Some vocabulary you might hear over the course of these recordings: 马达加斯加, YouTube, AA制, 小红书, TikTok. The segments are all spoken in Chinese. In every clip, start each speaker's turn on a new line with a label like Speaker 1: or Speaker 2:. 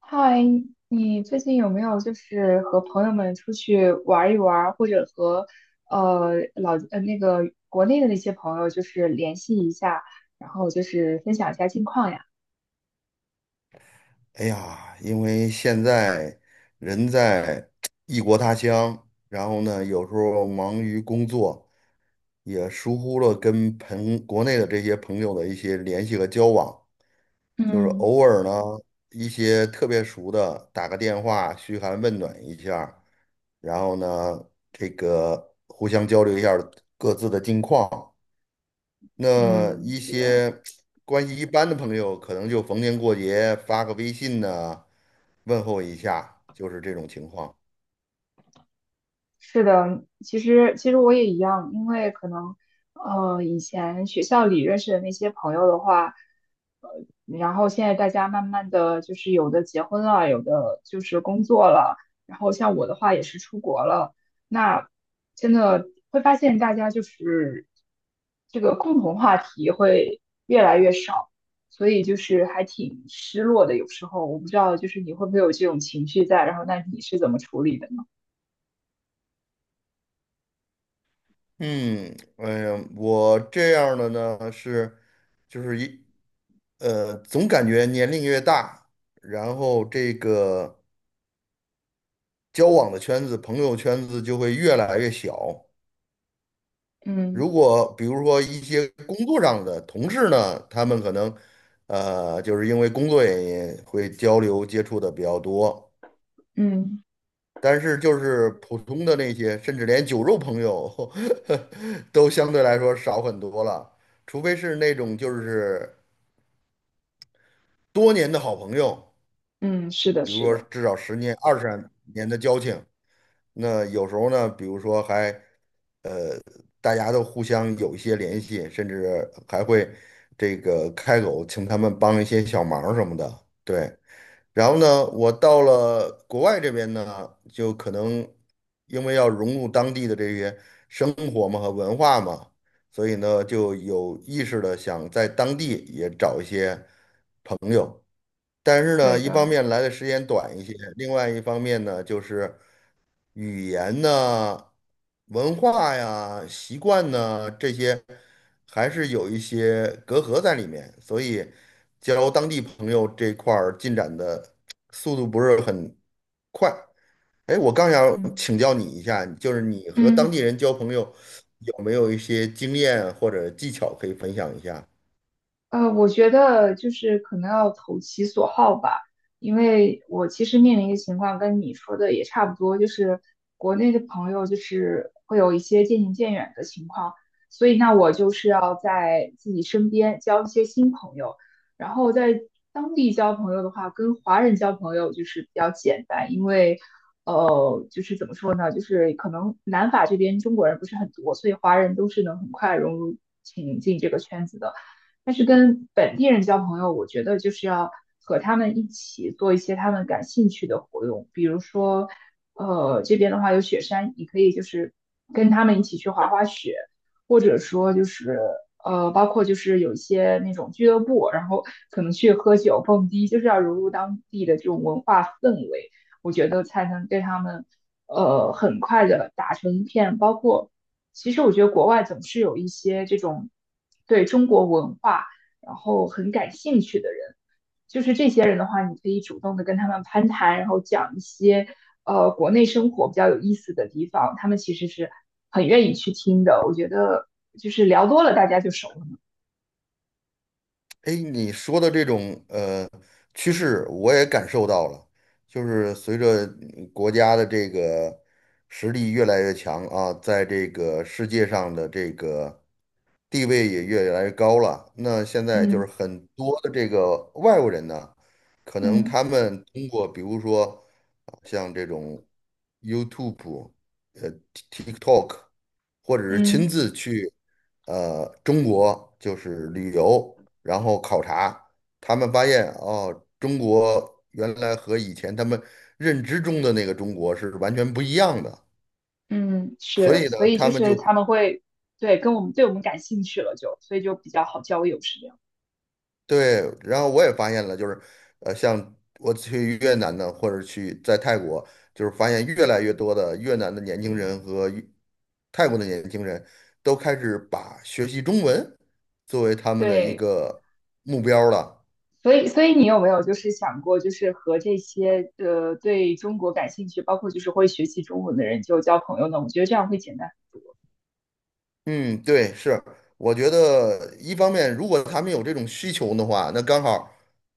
Speaker 1: 嗨，你最近有没有就是和朋友们出去玩一玩，或者和呃老呃那个国内的那些朋友就是联系一下，然后就是分享一下近况呀？
Speaker 2: 哎呀，因为现在人在异国他乡，然后呢，有时候忙于工作，也疏忽了跟国内的这些朋友的一些联系和交往，就是
Speaker 1: 嗯
Speaker 2: 偶尔呢，一些特别熟的打个电话嘘寒问暖一下儿然后呢，这个互相交流一下儿各自的近况。那
Speaker 1: 嗯，
Speaker 2: 一
Speaker 1: 是的。
Speaker 2: 些关系一般的朋友，可能就逢年过节发个微信呢。问候一下，就是这种情况。
Speaker 1: 是的，其实我也一样，因为可能以前学校里认识的那些朋友的话，呃，然后现在大家慢慢的就是有的结婚了，有的就是工作了，然后像我的话也是出国了，那真的会发现大家就是这个共同话题会越来越少，所以就是还挺失落的。有时候我不知道就是你会不会有这种情绪在，然后那你是怎么处理的呢？
Speaker 2: 嗯，哎呀，我这样的呢是，就是一呃，总感觉年龄越大，然后这个交往的圈子、朋友圈子就会越来越小。
Speaker 1: 嗯
Speaker 2: 如果比如说一些工作上的同事呢，他们可能就是因为工作原因会交流接触的比较多。
Speaker 1: 嗯。
Speaker 2: 但是就是普通的那些，甚至连酒肉朋友 都相对来说少很多了，除非是那种就是多年的好朋友，
Speaker 1: 嗯，是的，
Speaker 2: 比如
Speaker 1: 是
Speaker 2: 说
Speaker 1: 的，
Speaker 2: 至少十年、二十年的交情。那有时候呢，比如说还呃，大家都互相有一些联系，甚至还会这个开口请他们帮一些小忙什么的。对，然后呢，我到了国外这边呢，就可能因为要融入当地的这些生活嘛和文化嘛，所以呢就有意识的想在当地也找一些。但是呢，
Speaker 1: 对
Speaker 2: 一方
Speaker 1: 的，
Speaker 2: 面来的时间短一些，另外一方面呢，就是语言呢、文化呀、习惯呢这些，还是有一些隔阂在里面，所以交当地朋友这块儿进展的速度不是很快。哎，我刚想
Speaker 1: 嗯
Speaker 2: 请教你一下，就是你和当
Speaker 1: 嗯，
Speaker 2: 地人交朋友有没有一些经验或者技巧可以分享一下？
Speaker 1: 我觉得就是可能要投其所好吧，因为我其实面临的情况跟你说的也差不多，就是国内的朋友就是会有一些渐行渐远的情况，所以那我就是要在自己身边交一些新朋友，然后在当地交朋友的话，跟华人交朋友就是比较简单，因为就是怎么说呢，就是可能南法这边中国人不是很多，所以华人都是能很快融入进这个圈子的。但是跟本地人交朋友，我觉得就是要和他们一起做一些他们感兴趣的活动，比如说，这边的话有雪山，你可以就是跟他们一起去滑滑雪，或者说就是包括就是有一些那种俱乐部，然后可能去喝酒蹦迪，就是要融入当地的这种文化氛围，我觉得才能对他们很快的打成一片，包括。其实我觉得国外总是有一些这种对中国文化然后很感兴趣的人，就是这些人的话，你可以主动的跟他们攀谈，然后讲一些国内生活比较有意思的地方，他们其实是很愿意去听的。我觉得就是聊多了，大家就熟了嘛。
Speaker 2: 哎，你说的这种趋势，我也感受到了，就是随着嗯国家的这个实力越来越强啊，在这个世界上的这个。地位也越来越高了。那现在就是
Speaker 1: 嗯
Speaker 2: 很多的这个外国人呢，可能
Speaker 1: 嗯
Speaker 2: 他们通过比如说啊像这种 YouTube、TikTok，或者是亲
Speaker 1: 嗯
Speaker 2: 自去中国就是旅游，然后考察，他们发现哦，中国原来和以前他们认知中的那个中国是完全不一样的。
Speaker 1: 嗯，
Speaker 2: 所
Speaker 1: 是，
Speaker 2: 以呢，
Speaker 1: 所以
Speaker 2: 他
Speaker 1: 就
Speaker 2: 们
Speaker 1: 是
Speaker 2: 就
Speaker 1: 他们会对跟我们对我们感兴趣了就，所以就比较好交友，是这样。
Speaker 2: 对，然后我也发现了，就是，像我去越南呢，或者去在泰国，就是发现越来越多的越南的年轻人和越泰国的年轻人都开始把学习中文作为他们的一
Speaker 1: 对。
Speaker 2: 个目标了。
Speaker 1: 所以，所以你有没有就是想过，就是和这些对中国感兴趣，包括就是会学习中文的人就交朋友呢？我觉得这样会简单。
Speaker 2: 嗯，对，是，我觉得一方面，如果他们有这种需求的话，那刚好，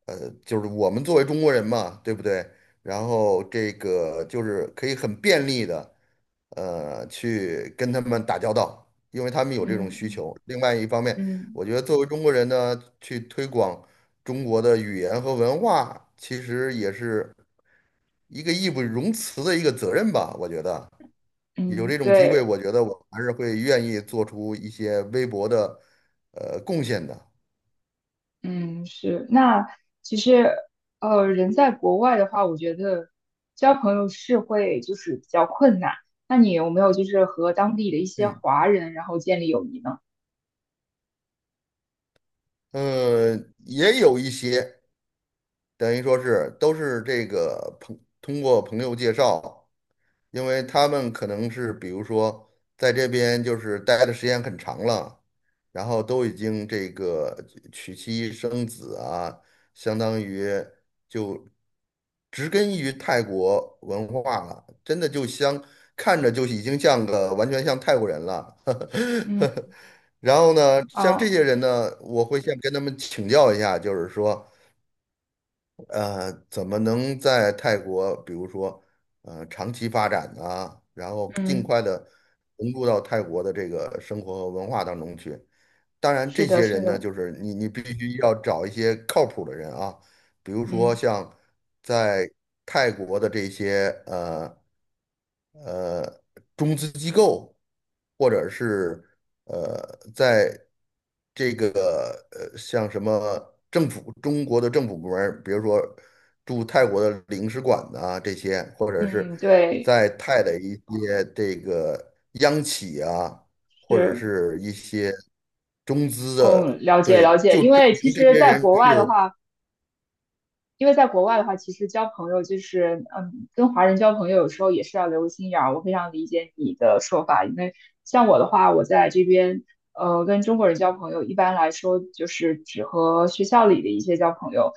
Speaker 2: 就是我们作为中国人嘛，对不对？然后这个就是可以很便利的，去跟他们打交道，因为他们有这种需
Speaker 1: 嗯
Speaker 2: 求。另外一方面，
Speaker 1: 嗯
Speaker 2: 我觉得作为中国人呢，去推广中国的语言和文化，其实也是一个义不容辞的一个责任吧，我觉得。有
Speaker 1: 嗯，
Speaker 2: 这种机会，
Speaker 1: 对，
Speaker 2: 我觉得我还是会愿意做出一些微薄的贡献的。
Speaker 1: 嗯是。那其实人在国外的话，我觉得交朋友是会就是比较困难。那你有没有就是和当地的一些
Speaker 2: 嗯，
Speaker 1: 华人然后建立友谊呢？
Speaker 2: 呃，也有一些等于说是都是这个通过朋友介绍。因为他们可能是比如说在这边就是待的时间很长了，然后都已经这个娶妻生子啊，相当于就植根于泰国文化了，真的就像看着就已经像个完全像泰国人了。
Speaker 1: 嗯
Speaker 2: 然后呢，像这些
Speaker 1: 哦，
Speaker 2: 人呢，我会先跟他们请教一下，就是说。怎么能在泰国，比如说，长期发展呢？然后尽
Speaker 1: 嗯，
Speaker 2: 快的融入到泰国的这个生活和文化当中去。当然，
Speaker 1: 是
Speaker 2: 这
Speaker 1: 的，
Speaker 2: 些
Speaker 1: 是
Speaker 2: 人呢，
Speaker 1: 的，
Speaker 2: 就是你必须要找一些靠谱的人啊，比如说
Speaker 1: 嗯
Speaker 2: 像在泰国的这些呃中资机构，或者是在这个像什么政府中国的政府部门儿比如说驻泰国的领事馆呐、这些，或者是
Speaker 1: 嗯，对，
Speaker 2: 在泰的一些这个央企啊，或者
Speaker 1: 是。
Speaker 2: 是一些中资
Speaker 1: 嗯，
Speaker 2: 的，
Speaker 1: 了解
Speaker 2: 对，
Speaker 1: 了解，
Speaker 2: 就
Speaker 1: 因
Speaker 2: 证
Speaker 1: 为其
Speaker 2: 明这
Speaker 1: 实
Speaker 2: 些
Speaker 1: 在
Speaker 2: 人
Speaker 1: 国
Speaker 2: 是
Speaker 1: 外的
Speaker 2: 有。
Speaker 1: 话，因为在国外的话，其实交朋友就是，嗯，跟华人交朋友有时候也是要留个心眼儿。我非常理解你的说法，因为像我的话，我在这边，跟中国人交朋友，一般来说就是只和学校里的一些交朋友。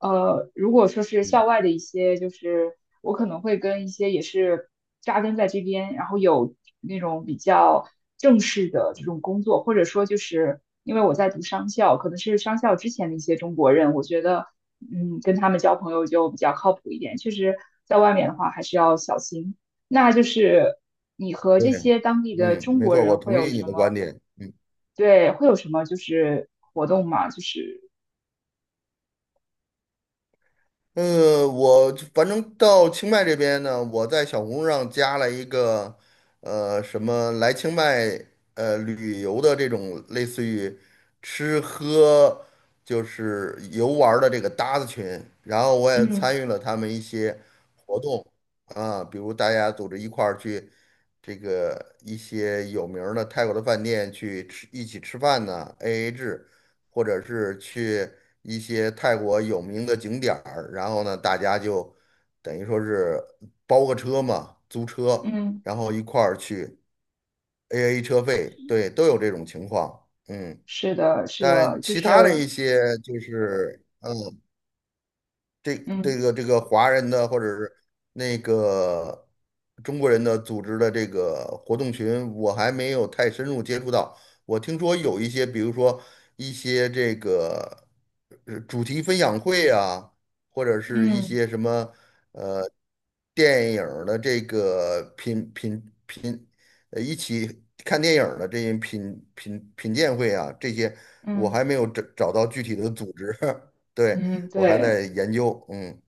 Speaker 1: 呃，如果说是校
Speaker 2: 嗯。
Speaker 1: 外的一些，就是我可能会跟一些也是扎根在这边，然后有那种比较正式的这种工作，或者说就是因为我在读商校，可能是商校之前的一些中国人，我觉得嗯，跟他们交朋友就比较靠谱一点。确实，在外面的话还是要小心。那就是你和
Speaker 2: 对，
Speaker 1: 这些当地的
Speaker 2: 嗯，
Speaker 1: 中
Speaker 2: 没
Speaker 1: 国
Speaker 2: 错，我
Speaker 1: 人会
Speaker 2: 同
Speaker 1: 有
Speaker 2: 意你
Speaker 1: 什
Speaker 2: 的
Speaker 1: 么？
Speaker 2: 观点。
Speaker 1: 对，会有什么就是活动吗？就是
Speaker 2: 我反正到清迈这边呢，我在小红书上加了一个，什么来清迈旅游的这种类似于吃喝就是游玩儿的这个搭子群，然后我也
Speaker 1: 嗯
Speaker 2: 参与了他们一些活动啊，比如大家组织一块儿去这个一些有名儿的泰国的饭店去吃，一起吃饭呢，AA 制。或者是去一些泰国有名的景点儿，然后呢，大家就等于说是包个车嘛，租车，
Speaker 1: 嗯
Speaker 2: 然后一块儿去 AA 车费，对，都有这种情况，嗯，
Speaker 1: 是的，是的，
Speaker 2: 但
Speaker 1: 就
Speaker 2: 其他的
Speaker 1: 是
Speaker 2: 一些就是。呃这
Speaker 1: 嗯
Speaker 2: 这个华人的或者是那个中国人的组织的这个活动群，我还没有太深入接触到。我听说有一些，比如说一些这个主题分享会啊，或者是一
Speaker 1: 嗯
Speaker 2: 些什么呃电影儿的这个品品品，呃一起看电影儿的这些品鉴会啊，这些我
Speaker 1: 嗯
Speaker 2: 还没有找到具体的组织。对，
Speaker 1: 嗯嗯，
Speaker 2: 我还
Speaker 1: 对。
Speaker 2: 在研究，嗯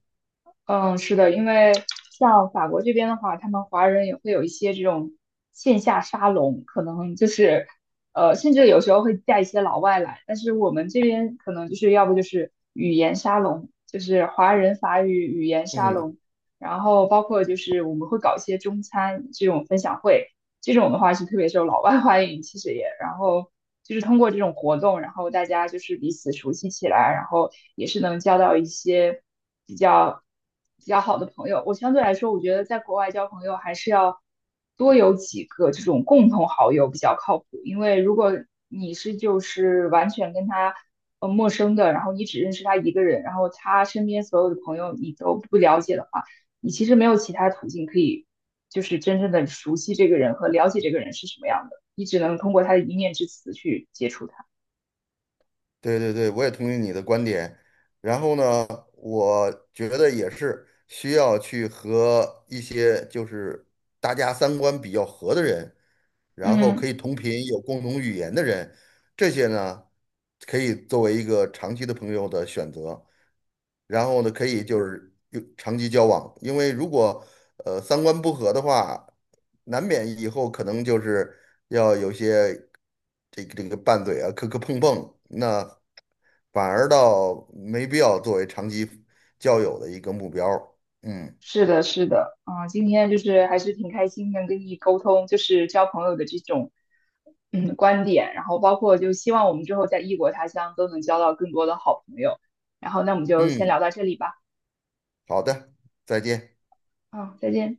Speaker 1: 嗯，是的，因为像法国这边的话，他们华人也会有一些这种线下沙龙，可能就是，甚至有时候会带一些老外来。但是我们这边可能就是要不就是语言沙龙，就是华人法语语言沙
Speaker 2: 嗯，
Speaker 1: 龙，然后包括就是我们会搞一些中餐这种分享会，这种的话是特别受老外 欢迎，其实也，然后就是通过这种活动，然后大家就是彼此熟悉起来，然后也是能交到一些。比较比较好的朋友。我相对来说，我觉得在国外交朋友还是要多有几个这种共同好友比较靠谱，因为如果你是就是完全跟他陌生的，然后你只认识他一个人，然后他身边所有的朋友你都不了解的话，你其实没有其他途径可以就是真正的熟悉这个人和了解这个人是什么样的，你只能通过他的一面之词去接触他。
Speaker 2: 对，我也同意你的观点。然后呢，我觉得也是需要去和一些就是大家三观比较合的人，然后可
Speaker 1: 嗯。
Speaker 2: 以同频、有共同语言的人，这些呢可以作为一个长期的朋友的选择。然后呢，可以就是有长期交往，因为如果三观不合的话，难免以后可能就是要有些。这个拌嘴啊，磕磕碰碰，那反而倒没必要作为长期交友的一个目标儿嗯
Speaker 1: 是的，是的，嗯，今天就是还是挺开心能跟你沟通，就是交朋友的这种嗯观点，然后包括就希望我们之后在异国他乡都能交到更多的好朋友，然后那我们就先
Speaker 2: 嗯，
Speaker 1: 聊到这里吧，
Speaker 2: 好的，再见。
Speaker 1: 嗯，再见。